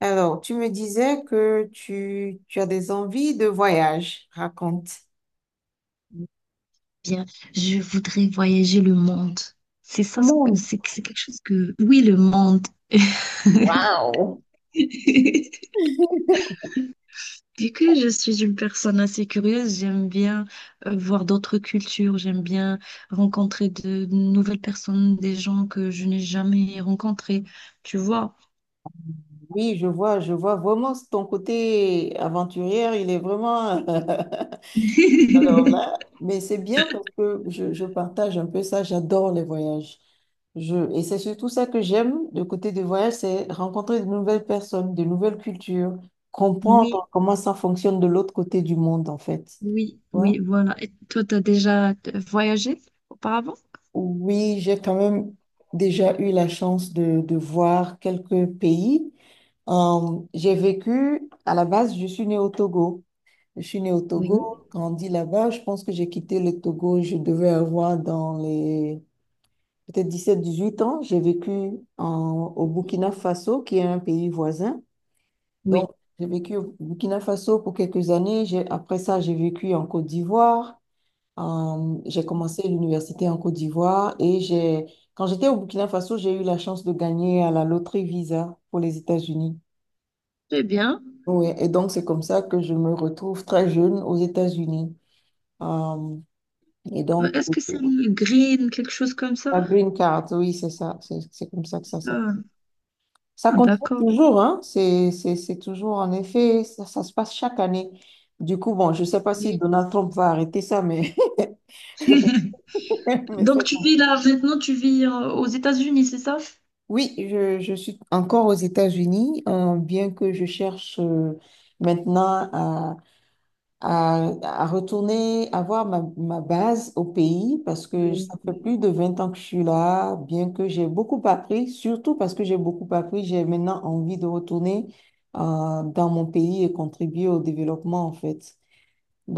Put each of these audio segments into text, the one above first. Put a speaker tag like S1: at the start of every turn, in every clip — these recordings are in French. S1: Alors, tu me disais que tu as des envies de voyage. Raconte.
S2: Bien, je voudrais voyager le monde. C'est
S1: Au
S2: ça,
S1: monde.
S2: c'est quelque chose que... Oui, le monde.
S1: Waouh!
S2: Vu que je suis une personne assez curieuse, j'aime bien voir d'autres cultures, j'aime bien rencontrer de nouvelles personnes, des gens que je n'ai jamais rencontrés, tu vois.
S1: Oui, je vois vraiment ton côté aventurière, il est vraiment. Alors là, mais c'est bien parce que je partage un peu ça, j'adore les voyages. Et c'est surtout ça que j'aime, le côté des voyages, c'est rencontrer de nouvelles personnes, de nouvelles cultures,
S2: Oui,
S1: comprendre comment ça fonctionne de l'autre côté du monde, en fait.
S2: oui,
S1: Ouais.
S2: oui, voilà. Et toi, t'as déjà voyagé auparavant?
S1: Oui, j'ai quand même déjà eu la chance de voir quelques pays. J'ai vécu, à la base, je suis née au Togo. Je suis née au Togo,
S2: Oui.
S1: grandi là-bas. Je pense que j'ai quitté le Togo, je devais avoir dans les peut-être 17, 18 ans. J'ai vécu au Burkina Faso, qui est un pays voisin.
S2: Oui.
S1: Donc, j'ai vécu au Burkina Faso pour quelques années. Après ça, j'ai vécu en Côte d'Ivoire. J'ai commencé l'université en Côte d'Ivoire et j'ai, quand j'étais au Burkina Faso, j'ai eu la chance de gagner à la loterie Visa pour les États-Unis.
S2: Très bien.
S1: Oui, et donc c'est comme ça que je me retrouve très jeune aux États-Unis. Euh, et donc,
S2: Est-ce que c'est le green, quelque chose comme
S1: la
S2: ça?
S1: green card, oui, c'est ça, c'est comme ça que ça
S2: Ça.
S1: s'appelle. Ça
S2: Ah,
S1: continue
S2: d'accord.
S1: toujours, hein, c'est toujours en effet, ça se passe chaque année. Du coup, bon, je sais pas si
S2: Oui,
S1: Donald Trump va arrêter ça, mais, mais ça.
S2: donc tu vis là maintenant, tu vis aux États-Unis, c'est ça?
S1: Oui, je suis encore aux États-Unis, bien que je cherche maintenant à, retourner, avoir ma base au pays, parce que
S2: Oui,
S1: ça fait
S2: oui,
S1: plus de 20 ans que je suis là, bien que j'ai beaucoup appris, surtout parce que j'ai beaucoup appris, j'ai maintenant envie de retourner dans mon pays et contribuer au développement, en fait.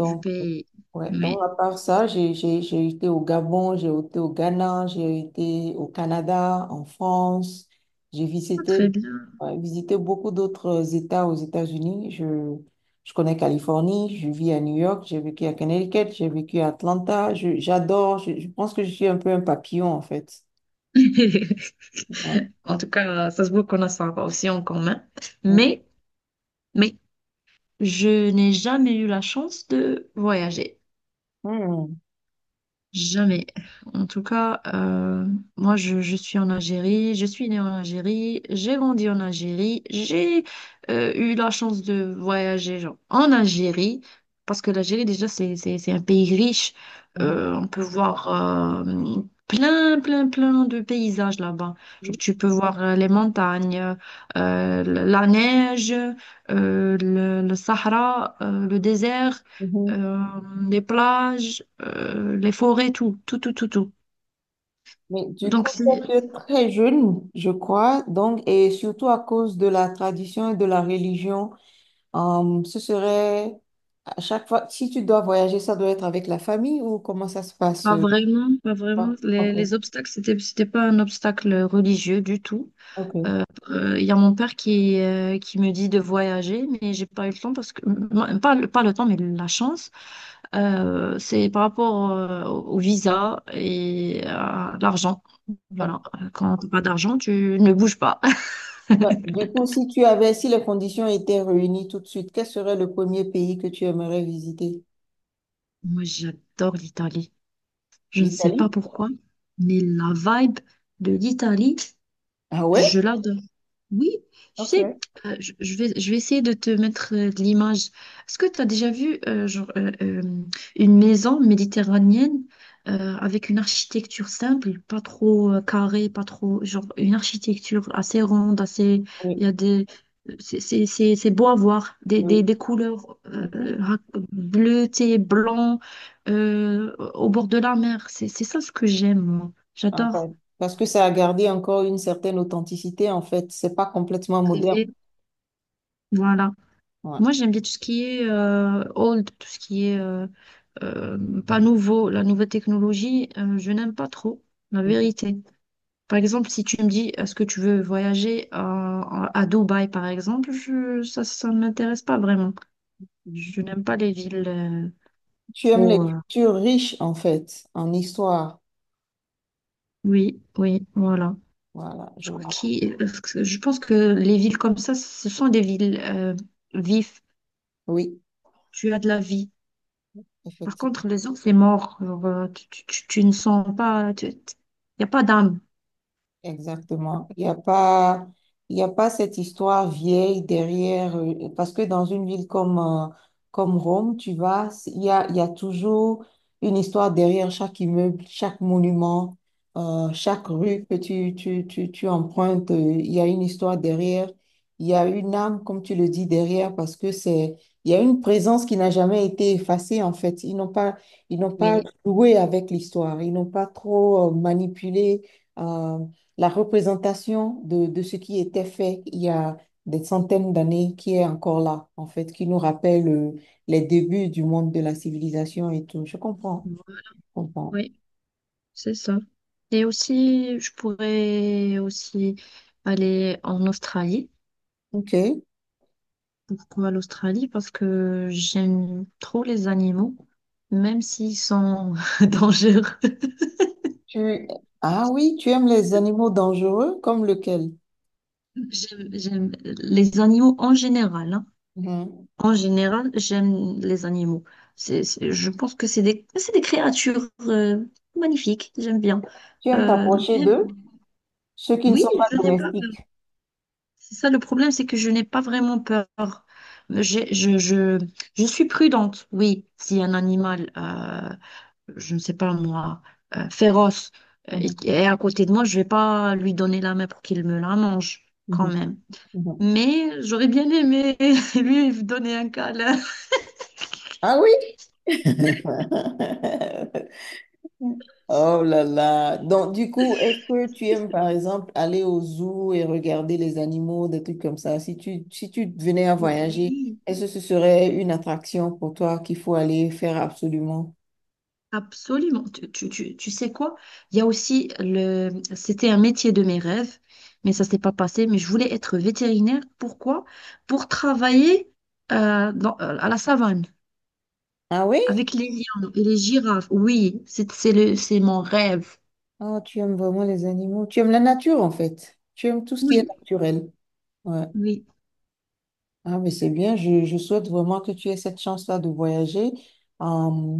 S2: du pays.
S1: ouais, donc
S2: Oui.
S1: à part ça, j'ai été au Gabon, j'ai été au Ghana, j'ai été au Canada, en France. J'ai
S2: Ah, très
S1: visité,
S2: bien.
S1: ouais, visité beaucoup d'autres États aux États-Unis. Je connais Californie, je vis à New York, j'ai vécu à Connecticut, j'ai vécu à Atlanta. J'adore, je pense que je suis un peu un papillon en fait. Ouais.
S2: En tout cas, ça se voit qu'on a ça aussi en commun.
S1: Mm.
S2: Mais, mais, je n'ai jamais eu la chance de voyager.
S1: Mm.
S2: Jamais. En tout cas, moi, je suis en Algérie, je suis née en Algérie, j'ai grandi en Algérie, j'ai eu la chance de voyager genre, en Algérie, parce que l'Algérie, déjà, c'est un pays riche.
S1: Mhm.
S2: On peut voir plein, plein, plein de paysages là-bas. Genre, tu peux voir les montagnes, euh, la neige, le Sahara, le désert
S1: Mhm.
S2: euh, les plages, les forêts, tout, tout, tout, tout, tout.
S1: Mais du coup,
S2: Donc, c'est
S1: toi, tu es très jeune, je crois, donc, et surtout à cause de la tradition et de la religion. Ce serait à chaque fois, si tu dois voyager, ça doit être avec la famille ou comment ça se passe?
S2: pas
S1: euh,
S2: vraiment, pas vraiment,
S1: quoi? Ok,
S2: les obstacles, c'était pas un obstacle religieux du tout.
S1: ok,
S2: Il y a mon père qui me dit de voyager, mais j'ai pas eu le temps parce que, non, pas, pas le temps, mais la chance. C'est par rapport au visa et à l'argent. Voilà,
S1: d'accord.
S2: quand t'as pas d'argent, tu ne bouges pas.
S1: Bah, du coup, si tu avais, si les conditions étaient réunies tout de suite, quel serait le premier pays que tu aimerais visiter?
S2: Moi, j'adore l'Italie. Je ne sais
S1: L'Italie?
S2: pas pourquoi, mais la vibe de l'Italie,
S1: Ah ouais?
S2: je l'adore. Oui, tu
S1: Ok.
S2: sais, je vais essayer de te mettre de l'image. Est-ce que tu as déjà vu genre, une maison méditerranéenne avec une architecture simple, pas trop carrée, pas trop, genre une architecture assez ronde, assez, il y
S1: Oui,
S2: a des, c'est beau à voir,
S1: oui.
S2: des couleurs
S1: Mhm.
S2: rac- bleutées, blanc, au bord de la mer. C'est ça ce que j'aime, moi.
S1: En
S2: J'adore
S1: fait, parce que ça a gardé encore une certaine authenticité, en fait. C'est pas complètement moderne.
S2: rêver, voilà.
S1: Ouais.
S2: Moi, j'aime bien tout ce qui est old, tout ce qui est pas nouveau, la nouvelle technologie, je n'aime pas trop, la vérité. Par exemple, si tu me dis, est-ce que tu veux voyager à Dubaï, par exemple, je, ça ne m'intéresse pas vraiment. Je
S1: Mhm.
S2: n'aime pas les villes
S1: Tu aimes les
S2: trop...
S1: cultures riches, en fait, en histoire.
S2: oui, oui, voilà.
S1: Voilà, je
S2: Je crois
S1: vois.
S2: parce que je pense que les villes comme ça, ce sont des villes vives.
S1: Oui,
S2: Tu as de la vie. Par
S1: effectivement.
S2: contre, les autres, c'est mort. Genre, tu ne sens pas, il n'y a pas d'âme.
S1: Exactement. Il n'y a pas, il y a pas cette histoire vieille derrière, parce que dans une ville comme, comme Rome, tu vas, il y a toujours une histoire derrière chaque immeuble, chaque monument, chaque rue que tu empruntes, il y a une histoire derrière, il y a une âme, comme tu le dis, derrière, parce que c'est, il y a une présence qui n'a jamais été effacée, en fait. Ils n'ont pas
S2: Oui.
S1: joué avec l'histoire, ils n'ont pas trop, manipulé. euh, la représentation de ce qui était fait il y a des centaines d'années qui est encore là, en fait, qui nous rappelle les débuts du monde de la civilisation et tout. Je comprends, je comprends.
S2: Oui, c'est ça. Et aussi, je pourrais aussi aller en Australie.
S1: Ok.
S2: Pourquoi l'Australie? Parce que j'aime trop les animaux, même s'ils sont dangereux.
S1: Tu... Ah oui, tu aimes les animaux dangereux comme lequel?
S2: J'aime les animaux en général, hein.
S1: Mhm.
S2: En général, j'aime les animaux. Je pense que c'est des créatures magnifiques. J'aime bien.
S1: Tu aimes
S2: Euh,
S1: t'approcher
S2: bien-
S1: d'eux, ceux qui ne
S2: oui,
S1: sont pas
S2: je n'ai pas peur.
S1: domestiques.
S2: C'est ça le problème, c'est que je n'ai pas vraiment peur. J'ai- Je, je, je suis prudente. Oui, si un animal, je ne sais pas moi, féroce
S1: Mhm,
S2: est à côté de moi, je ne vais pas lui donner la main pour qu'il me la mange quand
S1: mhm,
S2: même.
S1: mhm. Mhm.
S2: Mais j'aurais bien aimé lui donner un câlin.
S1: Ah oui? Mm. Oh là là. Donc, du coup, est-ce que tu aimes, par exemple, aller au zoo et regarder les animaux, des trucs comme ça? Si tu venais à voyager,
S2: Oui.
S1: est-ce que ce serait une attraction pour toi qu'il faut aller faire absolument?
S2: Absolument. Tu sais quoi? Il y a aussi le... C'était un métier de mes rêves, mais ça s'est pas passé. Mais je voulais être vétérinaire. Pourquoi? Pour travailler à la savane
S1: Ah oui?
S2: avec les lions et les girafes. Oui, c'est mon rêve.
S1: Oh, tu aimes vraiment les animaux. Tu aimes la nature, en fait. Tu aimes tout ce qui est
S2: Oui,
S1: naturel. Ouais.
S2: oui,
S1: Ah, mais c'est bien. Je souhaite vraiment que tu aies cette chance-là de voyager. Euh,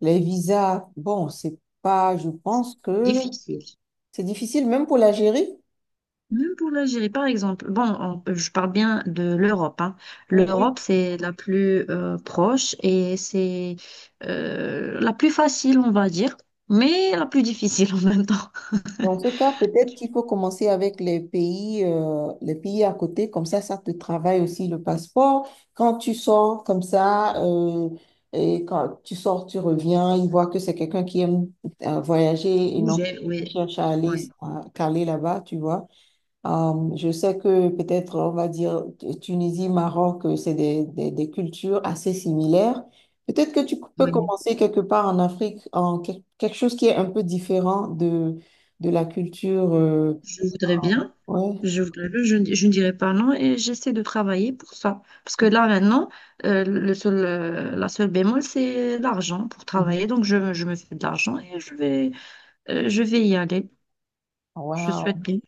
S1: les visas, bon, c'est pas, je pense que
S2: difficile.
S1: c'est difficile, même pour l'Algérie.
S2: Même pour l'Algérie, par exemple, bon, je parle bien de l'Europe, hein.
S1: Mm. Oui.
S2: L'Europe, c'est la plus proche et c'est la plus facile, on va dire, mais la plus difficile en même temps.
S1: Dans ce cas, peut-être qu'il faut commencer avec les pays à côté, comme ça te travaille aussi le passeport. Quand tu sors comme ça, et quand tu sors, tu reviens, ils voient que c'est quelqu'un qui aime voyager et non
S2: Bouger,
S1: qui
S2: oui,
S1: cherche à aller,
S2: oui,
S1: à caler là-bas, tu vois. Je sais que peut-être, on va dire, Tunisie, Maroc, c'est des cultures assez similaires. Peut-être que tu peux
S2: oui.
S1: commencer quelque part en Afrique, en quelque chose qui est un peu différent de la culture. euh,
S2: Je voudrais bien,
S1: ouais.
S2: je voudrais bien, je ne dirais pas non et j'essaie de travailler pour ça. Parce que là, maintenant, la seule bémol, c'est l'argent pour
S1: Mhm.
S2: travailler. Donc, je me fais de l'argent et je vais y aller. Je
S1: Wow,
S2: souhaite bien.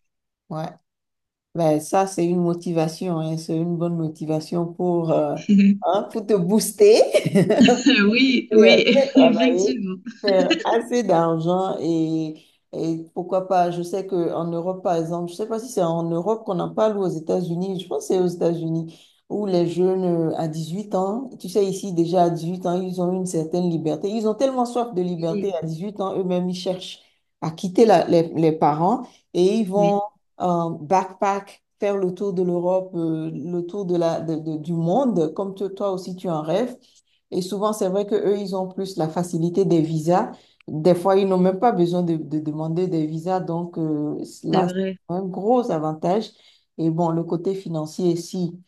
S1: ouais. Ben, ça, c'est une motivation, hein. C'est une bonne motivation pour, hein, pour te booster
S2: Oui,
S1: et
S2: oui,
S1: bien travailler.
S2: effectivement.
S1: Faire assez d'argent et, pourquoi pas, je sais qu'en Europe, par exemple, je sais pas si c'est en Europe qu'on en parle ou aux États-Unis, je pense que c'est aux États-Unis, où les jeunes à 18 ans, tu sais, ici déjà à 18 ans, ils ont une certaine liberté. Ils ont tellement soif de liberté
S2: Oui,
S1: à 18 ans, eux-mêmes, ils cherchent à quitter les parents et ils
S2: oui,
S1: vont backpack. Faire le tour de l'Europe, le tour de la, de- du monde, comme toi aussi tu en rêves. Et souvent, c'est vrai que eux, ils ont plus la facilité des visas. Des fois, ils n'ont même pas besoin de demander des visas. Donc,
S2: c'est
S1: là, c'est
S2: vrai.
S1: un gros avantage. Et bon, le côté financier, si,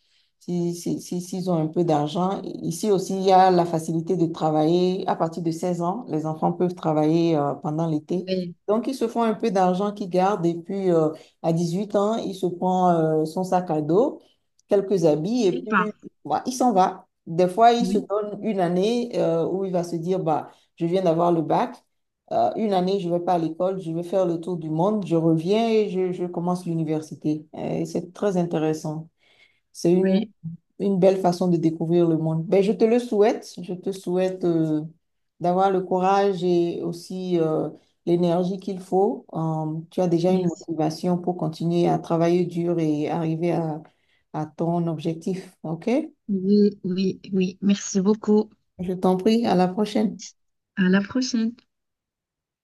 S1: si, si, si- s'ils ont un peu d'argent. Ici aussi, il y a la facilité de travailler à partir de 16 ans. Les enfants peuvent travailler pendant l'été.
S2: Oui.
S1: Donc, ils se font un peu d'argent qu'ils gardent. Et puis, à 18 ans, il se prend son sac à dos, quelques habits, et
S2: Et pas.
S1: puis, voilà, il s'en va. Des fois, il se
S2: Oui,
S1: donne une année où il va se dire, bah, je viens d'avoir le bac, une année, je ne vais pas à l'école, je vais faire le tour du monde, je reviens et je commence l'université. Et c'est très intéressant. C'est une,
S2: oui,
S1: une belle façon de découvrir le monde. Ben, je te le souhaite. Je te souhaite d'avoir le courage et aussi l'énergie qu'il faut. Tu as déjà une
S2: merci.
S1: motivation pour continuer à travailler dur et arriver à ton objectif. OK?
S2: Oui, oui, oui. Merci beaucoup.
S1: Je t'en prie, à la prochaine.
S2: À la prochaine.